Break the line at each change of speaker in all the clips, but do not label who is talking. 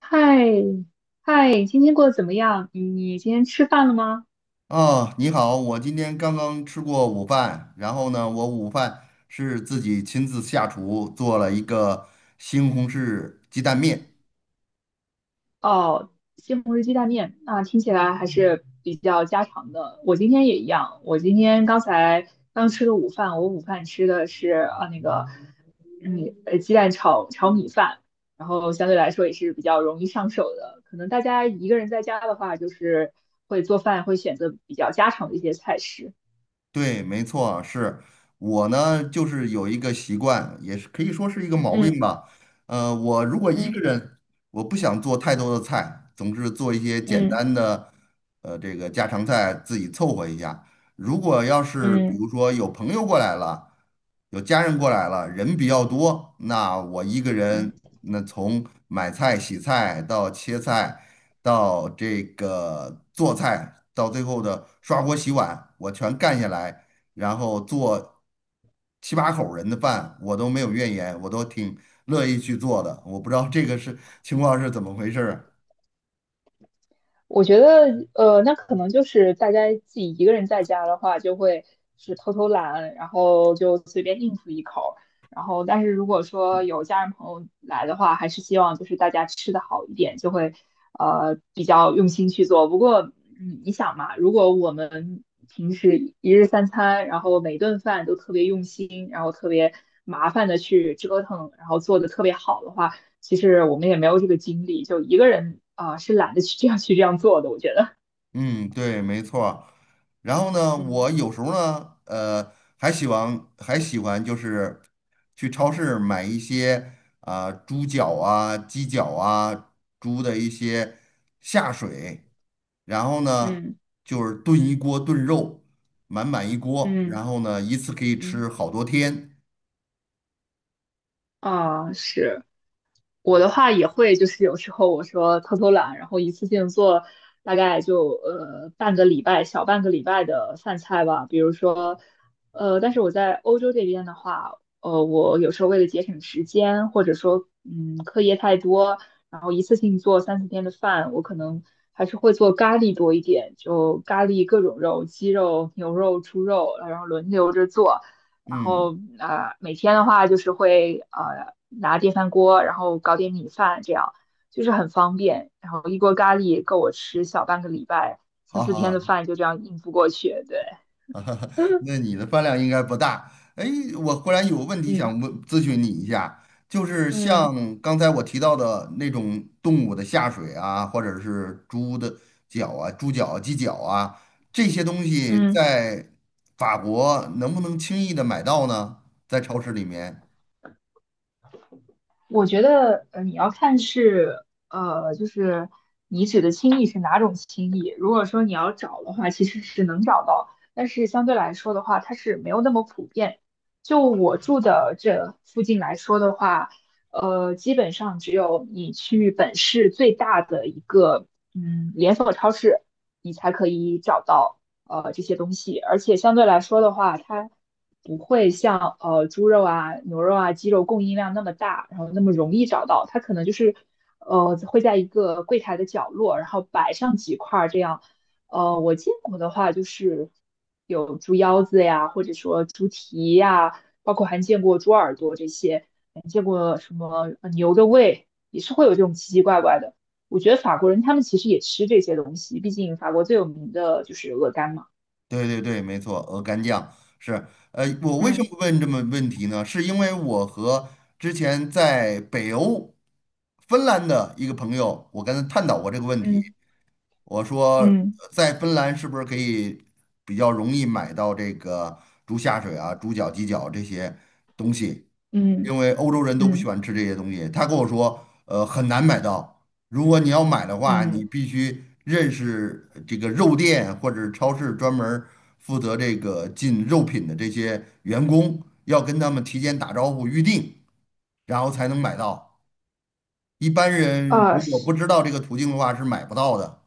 嗨，嗨，今天过得怎么样？你今天吃饭了吗？
哦，你好，我今天刚刚吃过午饭，然后呢，我午饭是自己亲自下厨做了一个西红柿鸡蛋面。
哦，西红柿鸡蛋面，那听起来还是比较家常的。我今天也一样，我今天刚才刚吃了午饭，我午饭吃的是鸡蛋炒米饭，然后相对来说也是比较容易上手的。可能大家一个人在家的话，就是会做饭，会选择比较家常的一些菜式。
对，没错。是我呢，就是有一个习惯，也是可以说是一个毛病
嗯
吧。我如果一个
嗯
人，我不想做太多的菜，总是做一些简
嗯
单的，这个家常菜自己凑合一下。如果要是比
嗯
如说有朋友过来了，有家人过来了，人比较多，那我一个
嗯。
人，那从买菜、洗菜到切菜，到这个做菜，到最后的刷锅洗碗，我全干下来，然后做七八口人的饭，我都没有怨言，我都挺乐意去做的。我不知道这个是情况是怎么回事儿啊。
我觉得，那可能就是大家自己一个人在家的话，就会是偷偷懒，然后就随便应付一口。然后，但是如果说有家人朋友来的话，还是希望就是大家吃的好一点，就会比较用心去做。不过，你想嘛，如果我们平时一日三餐，然后每顿饭都特别用心，然后特别麻烦的去折腾，然后做的特别好的话，其实我们也没有这个精力，就一个人啊、是懒得去这样做的，我觉得。
嗯，对，没错。然后呢，
嗯
我有时候呢，还喜欢就是去超市买一些啊、猪脚啊、鸡脚啊、猪的一些下水，然后呢
嗯
就是炖一锅炖肉，满满一锅，然
嗯
后呢一次可以吃
嗯
好多天。
啊，是，我的话也会，就是有时候我说偷偷懒，然后一次性做大概就半个礼拜，小半个礼拜的饭菜吧。比如说，但是我在欧洲这边的话，我有时候为了节省时间，或者说课业太多，然后一次性做三四天的饭，我可能还是会做咖喱多一点，就咖喱各种肉，鸡肉、牛肉、猪肉，然后轮流着做。然
嗯，
后每天的话就是会拿电饭锅，然后搞点米饭，这样就是很方便。然后一锅咖喱够我吃小半个礼拜，三
好
四
好
天的
好。
饭就这样应付过去。对，
啊，那你的饭量应该不大。哎，我忽然有个问题
嗯
想问咨询你一下，就是
嗯
像刚才我提到的那种动物的下水啊，或者是猪的脚啊、猪脚啊鸡脚啊，这些东西
嗯。
在法国能不能轻易的买到呢？在超市里面。
我觉得，你要看是，就是你指的轻易是哪种轻易。如果说你要找的话，其实是能找到，但是相对来说的话，它是没有那么普遍。就我住的这附近来说的话，基本上只有你去本市最大的一个，连锁超市，你才可以找到，这些东西。而且相对来说的话，它不会像猪肉啊、牛肉啊、鸡肉供应量那么大，然后那么容易找到。它可能就是会在一个柜台的角落，然后摆上几块儿这样。我见过的话就是有猪腰子呀，或者说猪蹄呀，包括还见过猪耳朵这些，还见过什么牛的胃，也是会有这种奇奇怪怪的。我觉得法国人他们其实也吃这些东西，毕竟法国最有名的就是鹅肝嘛。
对对对，没错，鹅肝酱是。我为什
嗯
么问这么问题呢？是因为我和之前在北欧芬兰的一个朋友，我跟他探讨过这个问题。
嗯
我说
嗯
在芬兰是不是可以比较容易买到这个猪下水啊、猪脚、鸡脚这些东西？
嗯
因为欧洲人都不喜
嗯。
欢吃这些东西。他跟我说，很难买到。如果你要买的话，你
嗯，
必须认识这个肉店或者超市专门儿负责这个进肉品的这些员工，要跟他们提前打招呼预定，然后才能买到。一般人
啊
如果不
是
知道这个途径的话，是买不到的。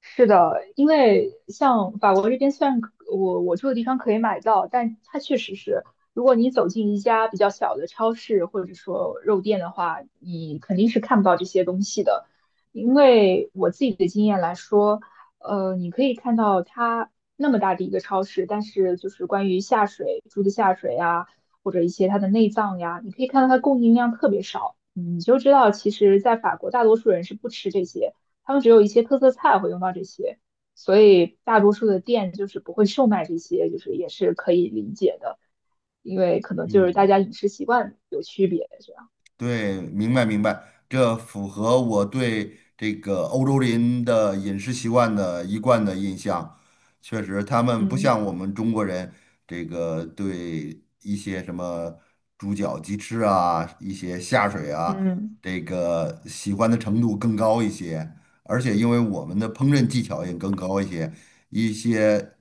是的，因为像法国这边，虽然可我住的地方可以买到，但它确实是，如果你走进一家比较小的超市或者说肉店的话，你肯定是看不到这些东西的。因为我自己的经验来说，你可以看到它那么大的一个超市，但是就是关于下水，猪的下水啊，或者一些它的内脏呀，你可以看到它供应量特别少，你就知道其实在法国大多数人是不吃这些。他们只有一些特色菜会用到这些，所以大多数的店就是不会售卖这些，就是也是可以理解的，因为可能就是大
嗯。
家饮食习惯有区别，这样。
对，明白明白，这符合我对这个欧洲人的饮食习惯的一贯的印象。确实，他们不
嗯
像我们中国人，这个对一些什么猪脚、鸡翅啊，一些下水啊，
嗯
这个喜欢的程度更高一些。而且，因为我们的烹饪技巧也更高一些，一些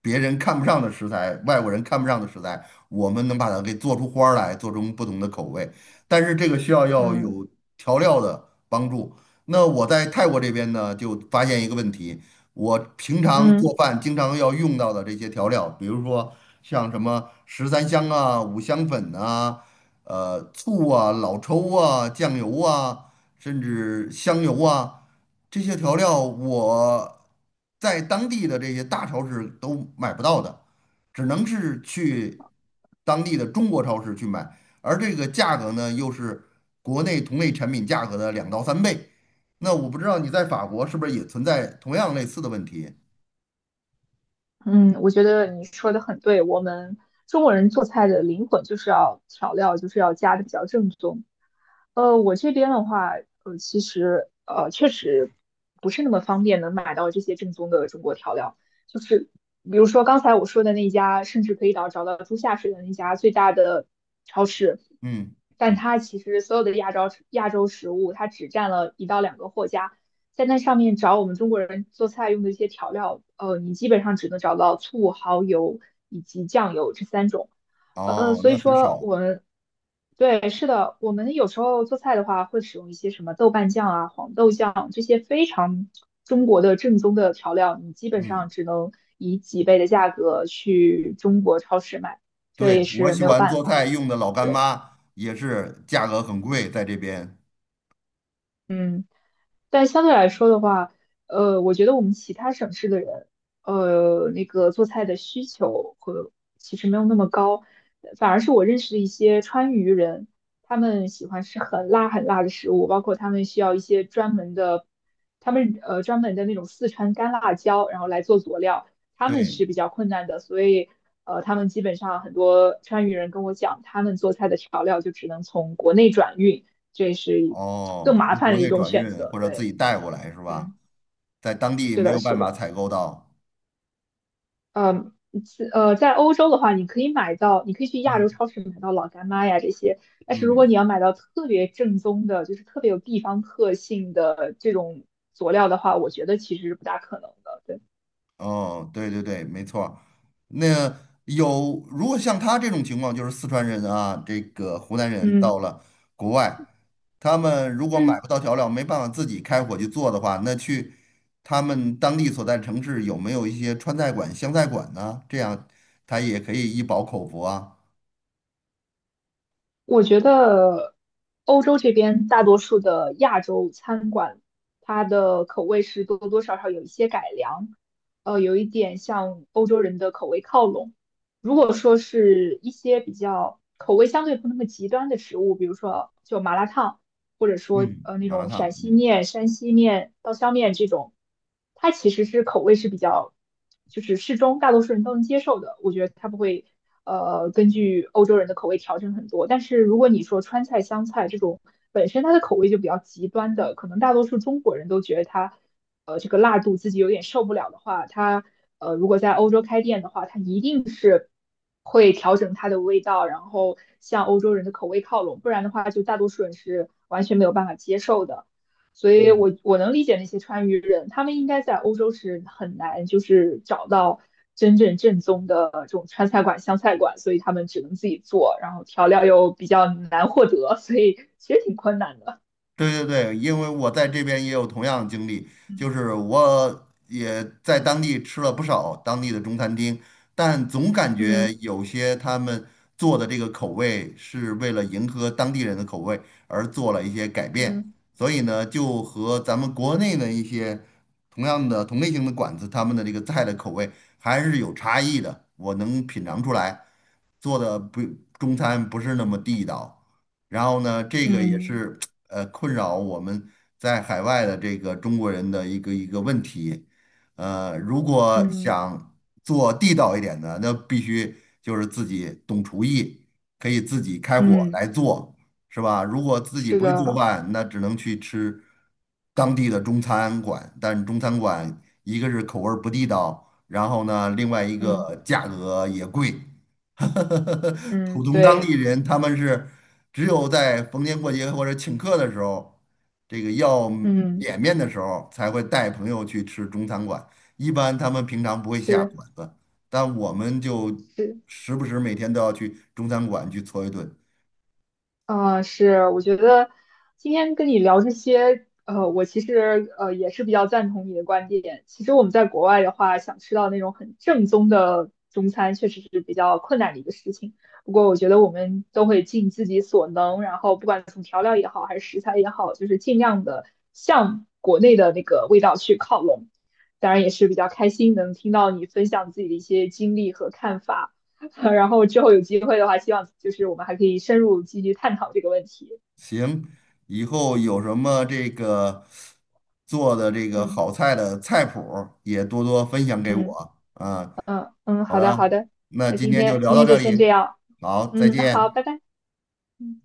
别人看不上的食材，外国人看不上的食材，我们能把它给做出花儿来，做出不同的口味。但是这个需要要
嗯
有调料的帮助。那我在泰国这边呢，就发现一个问题，我平常
嗯
做饭经常要用到的这些调料，比如说像什么十三香啊、五香粉啊、醋啊、老抽啊、酱油啊，甚至香油啊，这些调料我在当地的这些大超市都买不到的，只能是去当地的中国超市去买。而这个价格呢，又是国内同类产品价格的两到三倍。那我不知道你在法国是不是也存在同样类似的问题？
嗯，我觉得你说的很对，我们中国人做菜的灵魂就是要调料，就是要加的比较正宗。我这边的话，其实确实不是那么方便能买到这些正宗的中国调料。就是比如说刚才我说的那家，甚至可以找到猪下水的那家最大的超市，
嗯，
但它其实所有的亚洲食物，它只占了一到两个货架，在那上面找我们中国人做菜用的一些调料，你基本上只能找到醋、蚝油以及酱油这三种。
哦，
所
那
以
很
说
少。
我们对是的，我们有时候做菜的话，会使用一些什么豆瓣酱啊、黄豆酱这些非常中国的正宗的调料，你基本上
嗯，
只能以几倍的价格去中国超市买，这也
对，我
是
喜
没有
欢
办
做
法。
菜用的老干
对，
妈也是价格很
嗯。
贵，在这边。
嗯但相对来说的话，我觉得我们其他省市的人，那个做菜的需求和其实没有那么高，反而是我认识的一些川渝人，他们喜欢吃很辣很辣的食物，包括他们需要一些专门的，他们专门的那种四川干辣椒，然后来做佐料，他们
对，
是比较困难的，所以他们基本上很多川渝人跟我讲，他们做菜的调料就只能从国内转运。这是更
哦，
麻
从
烦
国
的一
内
种
转
选
运
择。
或者自己
对，
带过来是吧？
嗯，
在当地
是
没
的，
有
是
办法
的，
采购到。
嗯。在欧洲的话，你可以买到，你可以去亚洲
嗯
超市买到老干妈呀这些。但是如果你
嗯。
要买到特别正宗的，就是特别有地方特性的这种佐料的话，我觉得其实是不大可能的。对，
哦，对对对，没错儿。那有，如果像他这种情况，就是四川人啊，这个湖南人
嗯
到了国外，他们如果买
嗯。
不到调料，没办法自己开火去做的话，那去他们当地所在城市有没有一些川菜馆、湘菜馆呢？这样他也可以一饱口福啊。
我觉得欧洲这边大多数的亚洲餐馆，它的口味是多多少少有一些改良，有一点向欧洲人的口味靠拢。如果说是一些比较口味相对不那么极端的食物，比如说就麻辣烫。或者说
嗯，
那
麻辣
种陕
烫，
西
嗯。
面、山西面、刀削面这种，它其实是口味是比较就是适中，大多数人都能接受的。我觉得它不会根据欧洲人的口味调整很多。但是如果你说川菜、湘菜这种本身它的口味就比较极端的，可能大多数中国人都觉得它，这个辣度自己有点受不了的话，它如果在欧洲开店的话，它一定是会调整它的味道，然后向欧洲人的口味靠拢，不然的话就大多数人是完全没有办法接受的。所以我能理解那些川渝人，他们应该在欧洲是很难就是找到真正正宗的这种川菜馆、湘菜馆，所以他们只能自己做，然后调料又比较难获得，所以其实挺困难的。
对对对，因为我在这边也有同样的经历，就
嗯
是我也在当地吃了不少当地的中餐厅，但总感觉
嗯
有些他们做的这个口味是为了迎合当地人的口味而做了一些改变，
嗯
所以呢，就和咱们国内的一些同样的同类型的馆子，他们的这个菜的口味还是有差异的，我能品尝出来，做的不中餐不是那么地道。然后呢，这个也
嗯
是困扰我们在海外的这个中国人的一个问题。如果
嗯
想做地道一点的，那必须就是自己懂厨艺，可以自己开火
嗯，
来做，是吧？如果自己
是
不会做
的，
饭，那只能去吃当地的中餐馆，但中餐馆一个是口味儿不地道，然后呢，另外一
嗯
个价格也贵。普
嗯
通当
对，
地人他们是。只有在逢年过节或者请客的时候，这个要
嗯
脸面的时候，才会带朋友去吃中餐馆。一般他们平常不会下
是
馆子，但我们就
是，
时不时每天都要去中餐馆去搓一顿。
是，我觉得今天跟你聊这些，我其实也是比较赞同你的观点。其实我们在国外的话，想吃到那种很正宗的中餐，确实是比较困难的一个事情。不过我觉得我们都会尽自己所能，然后不管从调料也好，还是食材也好，就是尽量的向国内的那个味道去靠拢。当然也是比较开心能听到你分享自己的一些经历和看法。然后之后有机会的话，希望就是我们还可以深入继续探讨这个问题。
行，以后有什么这个做的这个
嗯
好菜的菜谱儿也多多分享给
嗯
我啊。
嗯嗯，
好
好的好
的，
的，
那
那
今
今
天就
天
聊
今
到
天就
这
先这
里，
样。
好，再
嗯，好，
见。
拜拜。嗯。